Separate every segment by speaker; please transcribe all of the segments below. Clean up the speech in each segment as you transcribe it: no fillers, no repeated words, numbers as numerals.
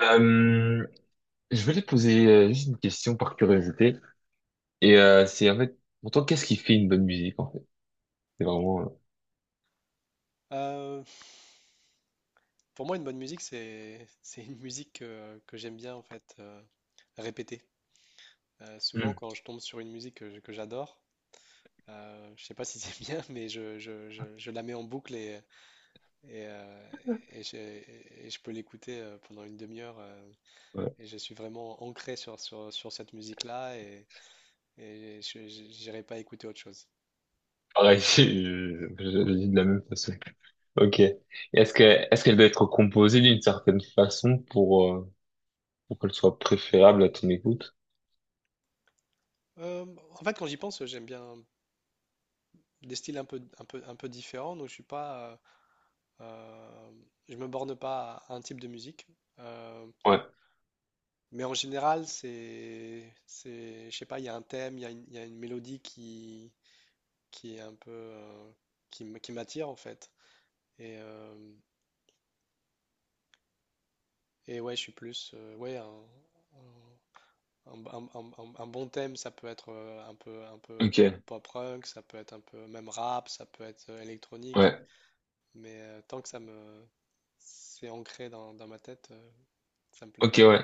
Speaker 1: Euh, je voulais te poser juste une question par curiosité. C'est en fait, pour toi, qu'est-ce qui fait une bonne musique en fait? C'est vraiment...
Speaker 2: Euh, pour moi, une bonne musique, c'est c'est une musique que j'aime bien en fait répéter. Souvent,
Speaker 1: euh,
Speaker 2: quand je tombe sur une musique que j'adore, je sais pas si c'est bien, mais je la mets en boucle et, et, euh, et je peux l'écouter pendant une demi-heure.
Speaker 1: hmm, ouais.
Speaker 2: Et je suis vraiment ancré sur cette musique-là et je n'irai pas écouter autre chose.
Speaker 1: Pareil, je dis de la même façon. Ok. Et est-ce que, est-ce qu'elle doit être composée d'une certaine façon pour qu'elle soit préférable à ton écoute?
Speaker 2: Euh, En fait, quand j'y pense, j'aime bien des styles un peu différents, donc je suis pas. Euh, je me borne pas à un type de musique. Euh,
Speaker 1: Ouais.
Speaker 2: mais en général, c'est, je sais pas, il y a un thème, il y a une mélodie qui est un peu, qui m'attire en fait. Et, euh, et ouais, je suis plus, ouais, un bon thème, ça peut être un peu
Speaker 1: Ok.
Speaker 2: pop punk, ça peut être un peu même rap, ça peut être électronique.
Speaker 1: Ouais.
Speaker 2: Mais tant que ça me, c'est ancré dans ma tête, ça me plaît.
Speaker 1: Ok, ouais.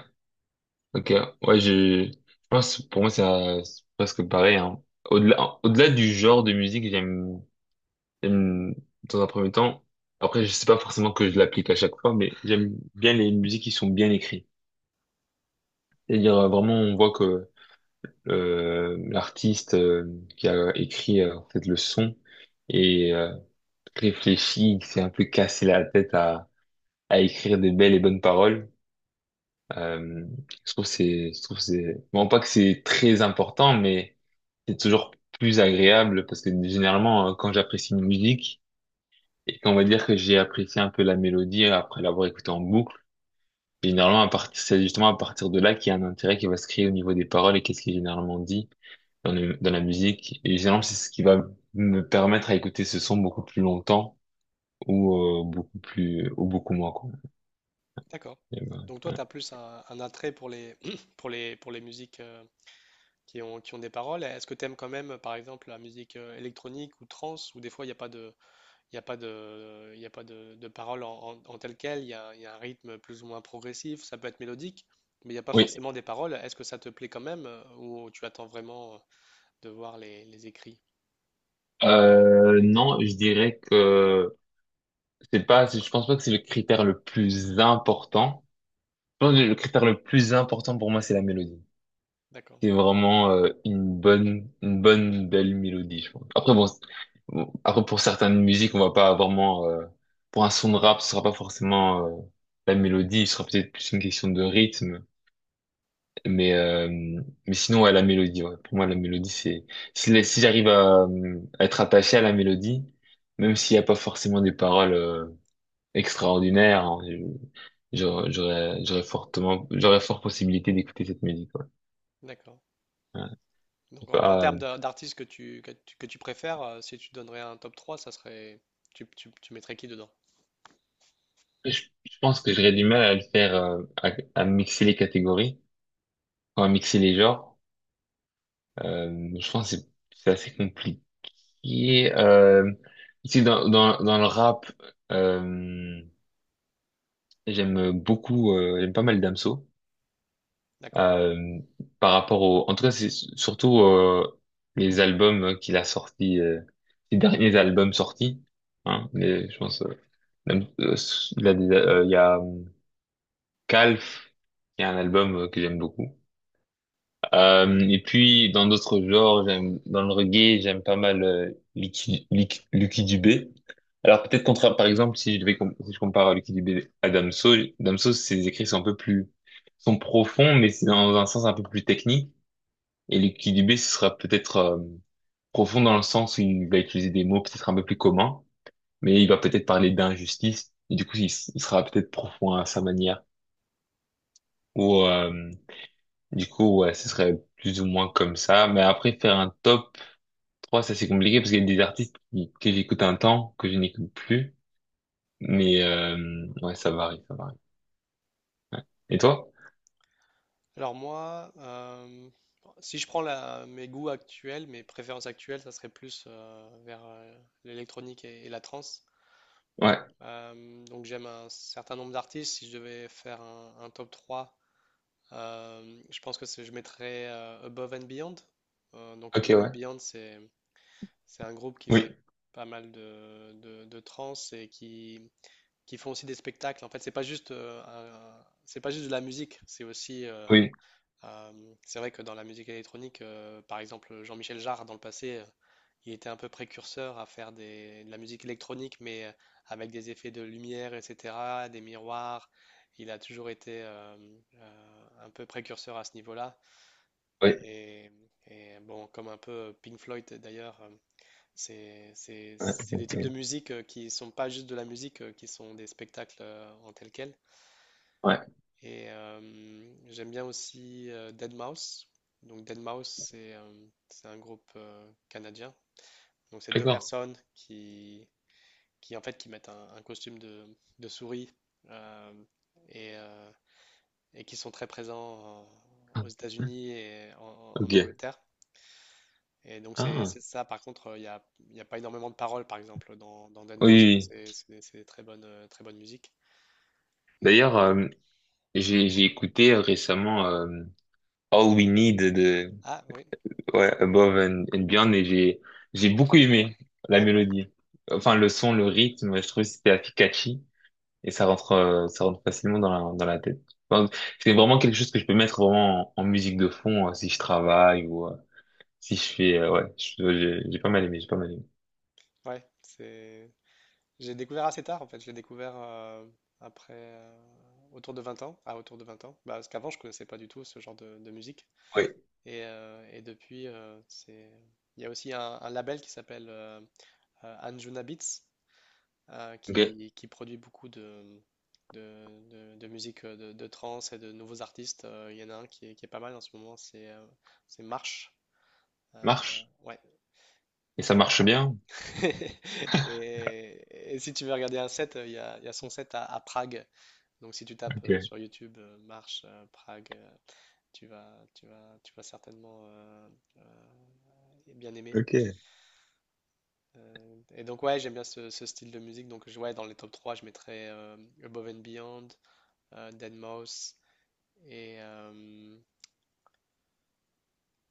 Speaker 1: Ok. Ouais, je pense, pour moi, c'est presque pareil, hein. Au-delà du genre de musique, J'aime, dans un premier temps, après, je sais pas forcément que je l'applique à chaque fois, mais j'aime bien les musiques qui sont bien écrites. C'est-à-dire, vraiment, on voit que l'artiste qui a écrit en fait, le son et euh, réfléchi, il s'est un peu cassé la tête à écrire des belles et bonnes paroles. Euh, je trouve que c'est, bon, pas que c'est très important, mais c'est toujours plus agréable parce que généralement, quand j'apprécie une musique, et on va dire que j'ai apprécié un peu la mélodie après l'avoir écoutée en boucle. C'est justement à partir de là qu'il y a un intérêt qui va se créer au niveau des paroles et qu'est-ce qui est généralement dit dans la musique. Et généralement, c'est ce qui va me permettre à écouter ce son beaucoup plus longtemps ou beaucoup plus ou beaucoup moins quoi.
Speaker 2: D'accord.
Speaker 1: Et ben,
Speaker 2: Donc toi,
Speaker 1: ouais.
Speaker 2: tu as plus un attrait pour les, pour les musiques qui ont des paroles. Est-ce que tu aimes quand même, par exemple, la musique électronique ou trance, où des fois, il y a pas de paroles en telle quelle, il y a un rythme plus ou moins progressif, ça peut être mélodique, mais il n'y a pas
Speaker 1: Oui.
Speaker 2: forcément des paroles. Est-ce que ça te plaît quand même, ou tu attends vraiment de voir les écrits?
Speaker 1: Non, je dirais que c'est pas, je pense pas que c'est le critère le plus important. Je pense que le critère le plus important pour moi, c'est la mélodie.
Speaker 2: D'accord,
Speaker 1: C'est vraiment une bonne belle mélodie, je pense. Bon, après pour certaines musiques, on va pas vraiment. Pour un son de rap, ce sera pas forcément la mélodie, ce sera peut-être plus une question de rythme. Mais euh, mais sinon, ouais, la mélodie. Ouais. Pour moi, la mélodie, c'est si j'arrive à être attaché à la mélodie, même s'il y a pas forcément des paroles extraordinaires, hein, j'aurais fort possibilité d'écouter cette musique. Ouais.
Speaker 2: d'accord.
Speaker 1: Ouais. Je
Speaker 2: Donc
Speaker 1: sais
Speaker 2: en
Speaker 1: pas.
Speaker 2: d'artistes que tu préfères, si tu donnerais un top 3, ça serait, tu mettrais qui dedans?
Speaker 1: Je pense que j'aurais du mal à le faire, à mixer les catégories, enfin, à mixer les genres. Je pense que c'est assez compliqué. Euh, ici, dans le rap, euh, j'aime pas mal Damso.
Speaker 2: D'accord?
Speaker 1: Euh, par rapport au, en tout cas, c'est surtout les albums qu'il a sortis, les derniers albums sortis. Je pense, Dam- il a des- il y a Calf, il y a un album que j'aime beaucoup. Et puis dans d'autres genres, j'aime dans le reggae, j'aime pas mal Lucky Dubé. Alors peut-être contraire, par exemple, si je compare à Lucky Dubé à Damso, Damso ses écrits sont profonds, mais c'est dans un sens un peu plus technique. Et Lucky Dubé ce sera peut-être profond dans le sens où il va utiliser des mots peut-être un peu plus communs, mais il va peut-être parler d'injustice. Et du coup, il sera peut-être profond à sa manière. Ou du coup, ouais, ce serait plus ou moins comme ça. Mais après, faire un top trois, ça c'est compliqué parce qu'il y a des que j'écoute un temps, que je n'écoute plus. Ouais, ça varie. Ouais. Et toi?
Speaker 2: Alors moi, si je prends mes goûts actuels, mes préférences actuelles, ça serait plus vers l'électronique et la trance.
Speaker 1: Ouais.
Speaker 2: Donc j'aime un certain nombre d'artistes. Si je devais faire un top 3, je pense que je mettrais Above and Beyond. Donc
Speaker 1: Ok,
Speaker 2: Above and
Speaker 1: ouais.
Speaker 2: Beyond, c'est un groupe qui
Speaker 1: Oui,
Speaker 2: fait pas mal de trance et qui font aussi des spectacles. En fait, c'est pas juste, c'est pas juste de la musique, c'est aussi.
Speaker 1: oui,
Speaker 2: C'est vrai que dans la musique électronique, par exemple, Jean-Michel Jarre, dans le passé, il était un peu précurseur à faire de la musique électronique, mais avec des effets de lumière, etc., des miroirs. Il a toujours été un peu précurseur à ce niveau-là.
Speaker 1: oui.
Speaker 2: Et, et bon, comme un peu Pink Floyd d'ailleurs, c'est, c'est,
Speaker 1: Ouais, ok,
Speaker 2: c'est des types de
Speaker 1: ok.
Speaker 2: musique qui sont pas juste de la musique, qui sont des spectacles en tel quel.
Speaker 1: Ouais.
Speaker 2: Et j'aime bien aussi deadmau5. Donc deadmau5, c'est un groupe canadien. Donc c'est deux
Speaker 1: D'accord.
Speaker 2: personnes qui en fait qui mettent un costume de souris euh, et et qui sont très présents
Speaker 1: Ah.
Speaker 2: aux États-Unis et en
Speaker 1: Ok.
Speaker 2: Angleterre. Et donc c'est
Speaker 1: Ah,
Speaker 2: c'est ça. Par contre, y a pas énormément de paroles, par exemple, dans
Speaker 1: oui,
Speaker 2: deadmau5, mais
Speaker 1: oui,
Speaker 2: c'est
Speaker 1: oui.
Speaker 2: c'est- c'est très bonne musique. Et
Speaker 1: D'ailleurs, j'ai écouté récemment All We Need de
Speaker 2: ah oui,
Speaker 1: ouais, Above and Beyond et j'ai beaucoup aimé la
Speaker 2: d'accord.
Speaker 1: mélodie. Enfin, le son, le rythme, je trouve que c'était efficace. Et ça rentre facilement dans la tête. Donc, c'est vraiment quelque chose que je peux mettre vraiment en musique de fond si je travaille ou si je fais, ouais, j'ai pas mal aimé.
Speaker 2: Ouais, c'est J'ai découvert assez tard en fait, je l'ai découvert après autour de 20 ans, ah autour de 20 ans, bah, parce qu'avant je connaissais pas du tout ce genre de musique
Speaker 1: Oui,
Speaker 2: et depuis c'est il y a aussi un label qui s'appelle Anjuna Beats
Speaker 1: ok,
Speaker 2: qui produit beaucoup de musique de trance et de nouveaux artistes. Il y en a un qui est pas mal en ce moment, c'est Marche. Euh,
Speaker 1: marche.
Speaker 2: ouais
Speaker 1: Et ça
Speaker 2: et,
Speaker 1: marche bien.
Speaker 2: euh, et si tu veux regarder un set, il y a son set à Prague. Donc si tu tapes
Speaker 1: Ok,
Speaker 2: sur YouTube marche Prague, tu vas certainement euh, bien aimer.
Speaker 1: ok,
Speaker 2: Et donc ouais, j'aime bien ce style de musique. Donc ouais, dans les top 3 je mettrais Above and Beyond, deadmau5 et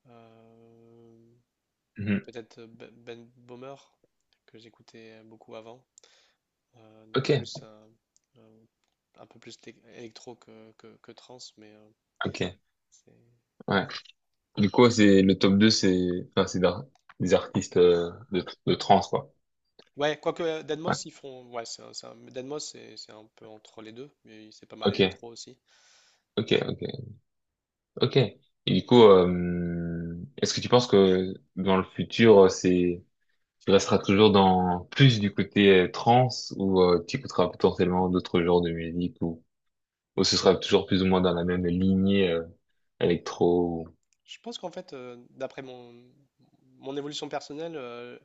Speaker 2: euh,
Speaker 1: mhm,
Speaker 2: peut-être Ben Bomer que j'écoutais beaucoup avant. Donc
Speaker 1: ok,
Speaker 2: plus euh, un peu plus électro que trance, mais
Speaker 1: ok,
Speaker 2: c'est.
Speaker 1: ouais. Du coup, c'est le top 2 c'est, enfin, des artistes de trance, quoi.
Speaker 2: Ouais, quoique
Speaker 1: Ouais,
Speaker 2: Deadmau5, ils font. Ouais, Deadmau5, c'est un peu entre les deux, mais c'est pas mal
Speaker 1: ok,
Speaker 2: électro aussi.
Speaker 1: ok, ok, ok. Et du coup, est-ce que tu penses que dans le futur, c'est tu resteras toujours dans plus du côté trance ou tu écouteras potentiellement d'autres genres de musique ou ce sera toujours plus ou moins dans la même lignée électro.
Speaker 2: Je pense qu'en fait, d'après mon évolution personnelle,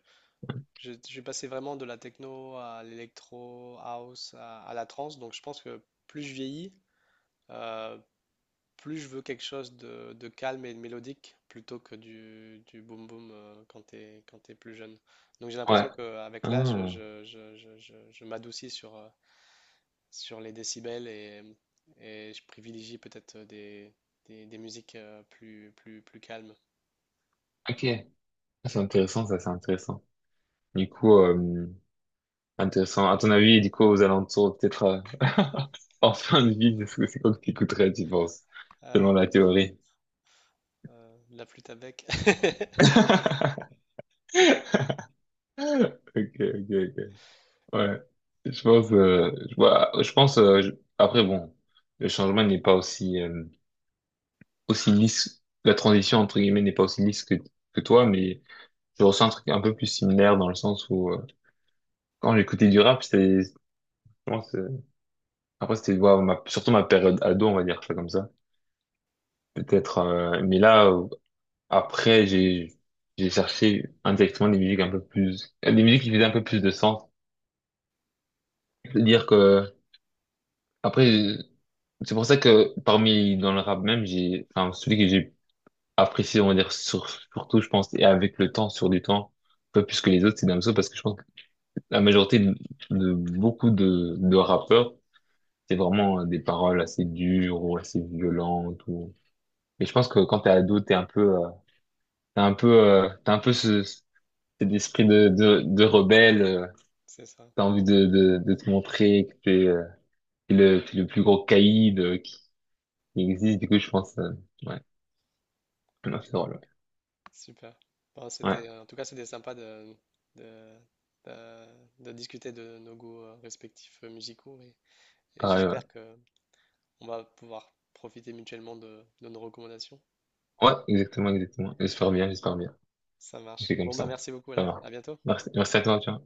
Speaker 2: j'ai passé vraiment de la techno à l'électro, house, à la trance. Donc je pense que plus je vieillis, euh, plus je veux quelque chose de calme et de mélodique plutôt que du boom boom quand t'es plus jeune. Donc j'ai l'impression
Speaker 1: Ouais.
Speaker 2: qu'avec l'âge,
Speaker 1: Ah,
Speaker 2: je m'adoucis sur les décibels et je privilégie peut-être des musiques plus calmes.
Speaker 1: ok. Ah, c'est intéressant, ça, c'est intéressant. Du coup, intéressant. À ton avis, du coup, aux alentours, peut-être en fin de vie, c'est ce que c'est quoi que tu écouterais, tu penses,
Speaker 2: Euh,
Speaker 1: selon la théorie?
Speaker 2: la flûte à bec.
Speaker 1: Ok, ok, ok. Ouais. Je pense, après, bon, le changement n'est pas aussi, aussi lisse, la transition entre guillemets n'est pas aussi lisse que toi, mais je ressens un truc un peu plus similaire dans le sens où quand j'écoutais du rap, moi, c'est- après c'était ouais, surtout ma période ado, on va dire ça comme ça. Peut-être, mais là après j'ai cherché indirectement des musiques un peu plus, des musiques qui faisaient un peu plus de sens. C'est-à-dire que après c'est pour ça que parmi dans le rap même enfin celui que j'ai apprécié on va dire surtout je pense et avec le temps sur du temps un peu plus que les autres, c'est Damso parce que je pense la majorité de rappeurs, c'est vraiment des paroles assez dures ou assez violentes. Ou... Et je pense que quand t'es ado, t'as un peu cet esprit de rebelle.
Speaker 2: C'est ça,
Speaker 1: T'as envie de te montrer que t'es le plus gros caïd qui existe. Du coup, je pense, ouais, non, c'est drôle.
Speaker 2: super. Bon,
Speaker 1: Ouais, ouais,
Speaker 2: c'était, en tout cas, c'était sympa de, de, de discuter de nos goûts respectifs musicaux et
Speaker 1: pareil. Ouais,
Speaker 2: j'espère que on va pouvoir profiter mutuellement de nos recommandations.
Speaker 1: ouais exactement, exactement. J'espère bien, j'espère bien.
Speaker 2: Ça
Speaker 1: On
Speaker 2: marche.
Speaker 1: fait comme
Speaker 2: Bon, bah
Speaker 1: ça.
Speaker 2: merci beaucoup
Speaker 1: Ça
Speaker 2: alors.
Speaker 1: va.
Speaker 2: À bientôt.
Speaker 1: Merci, merci à toi, tu vois.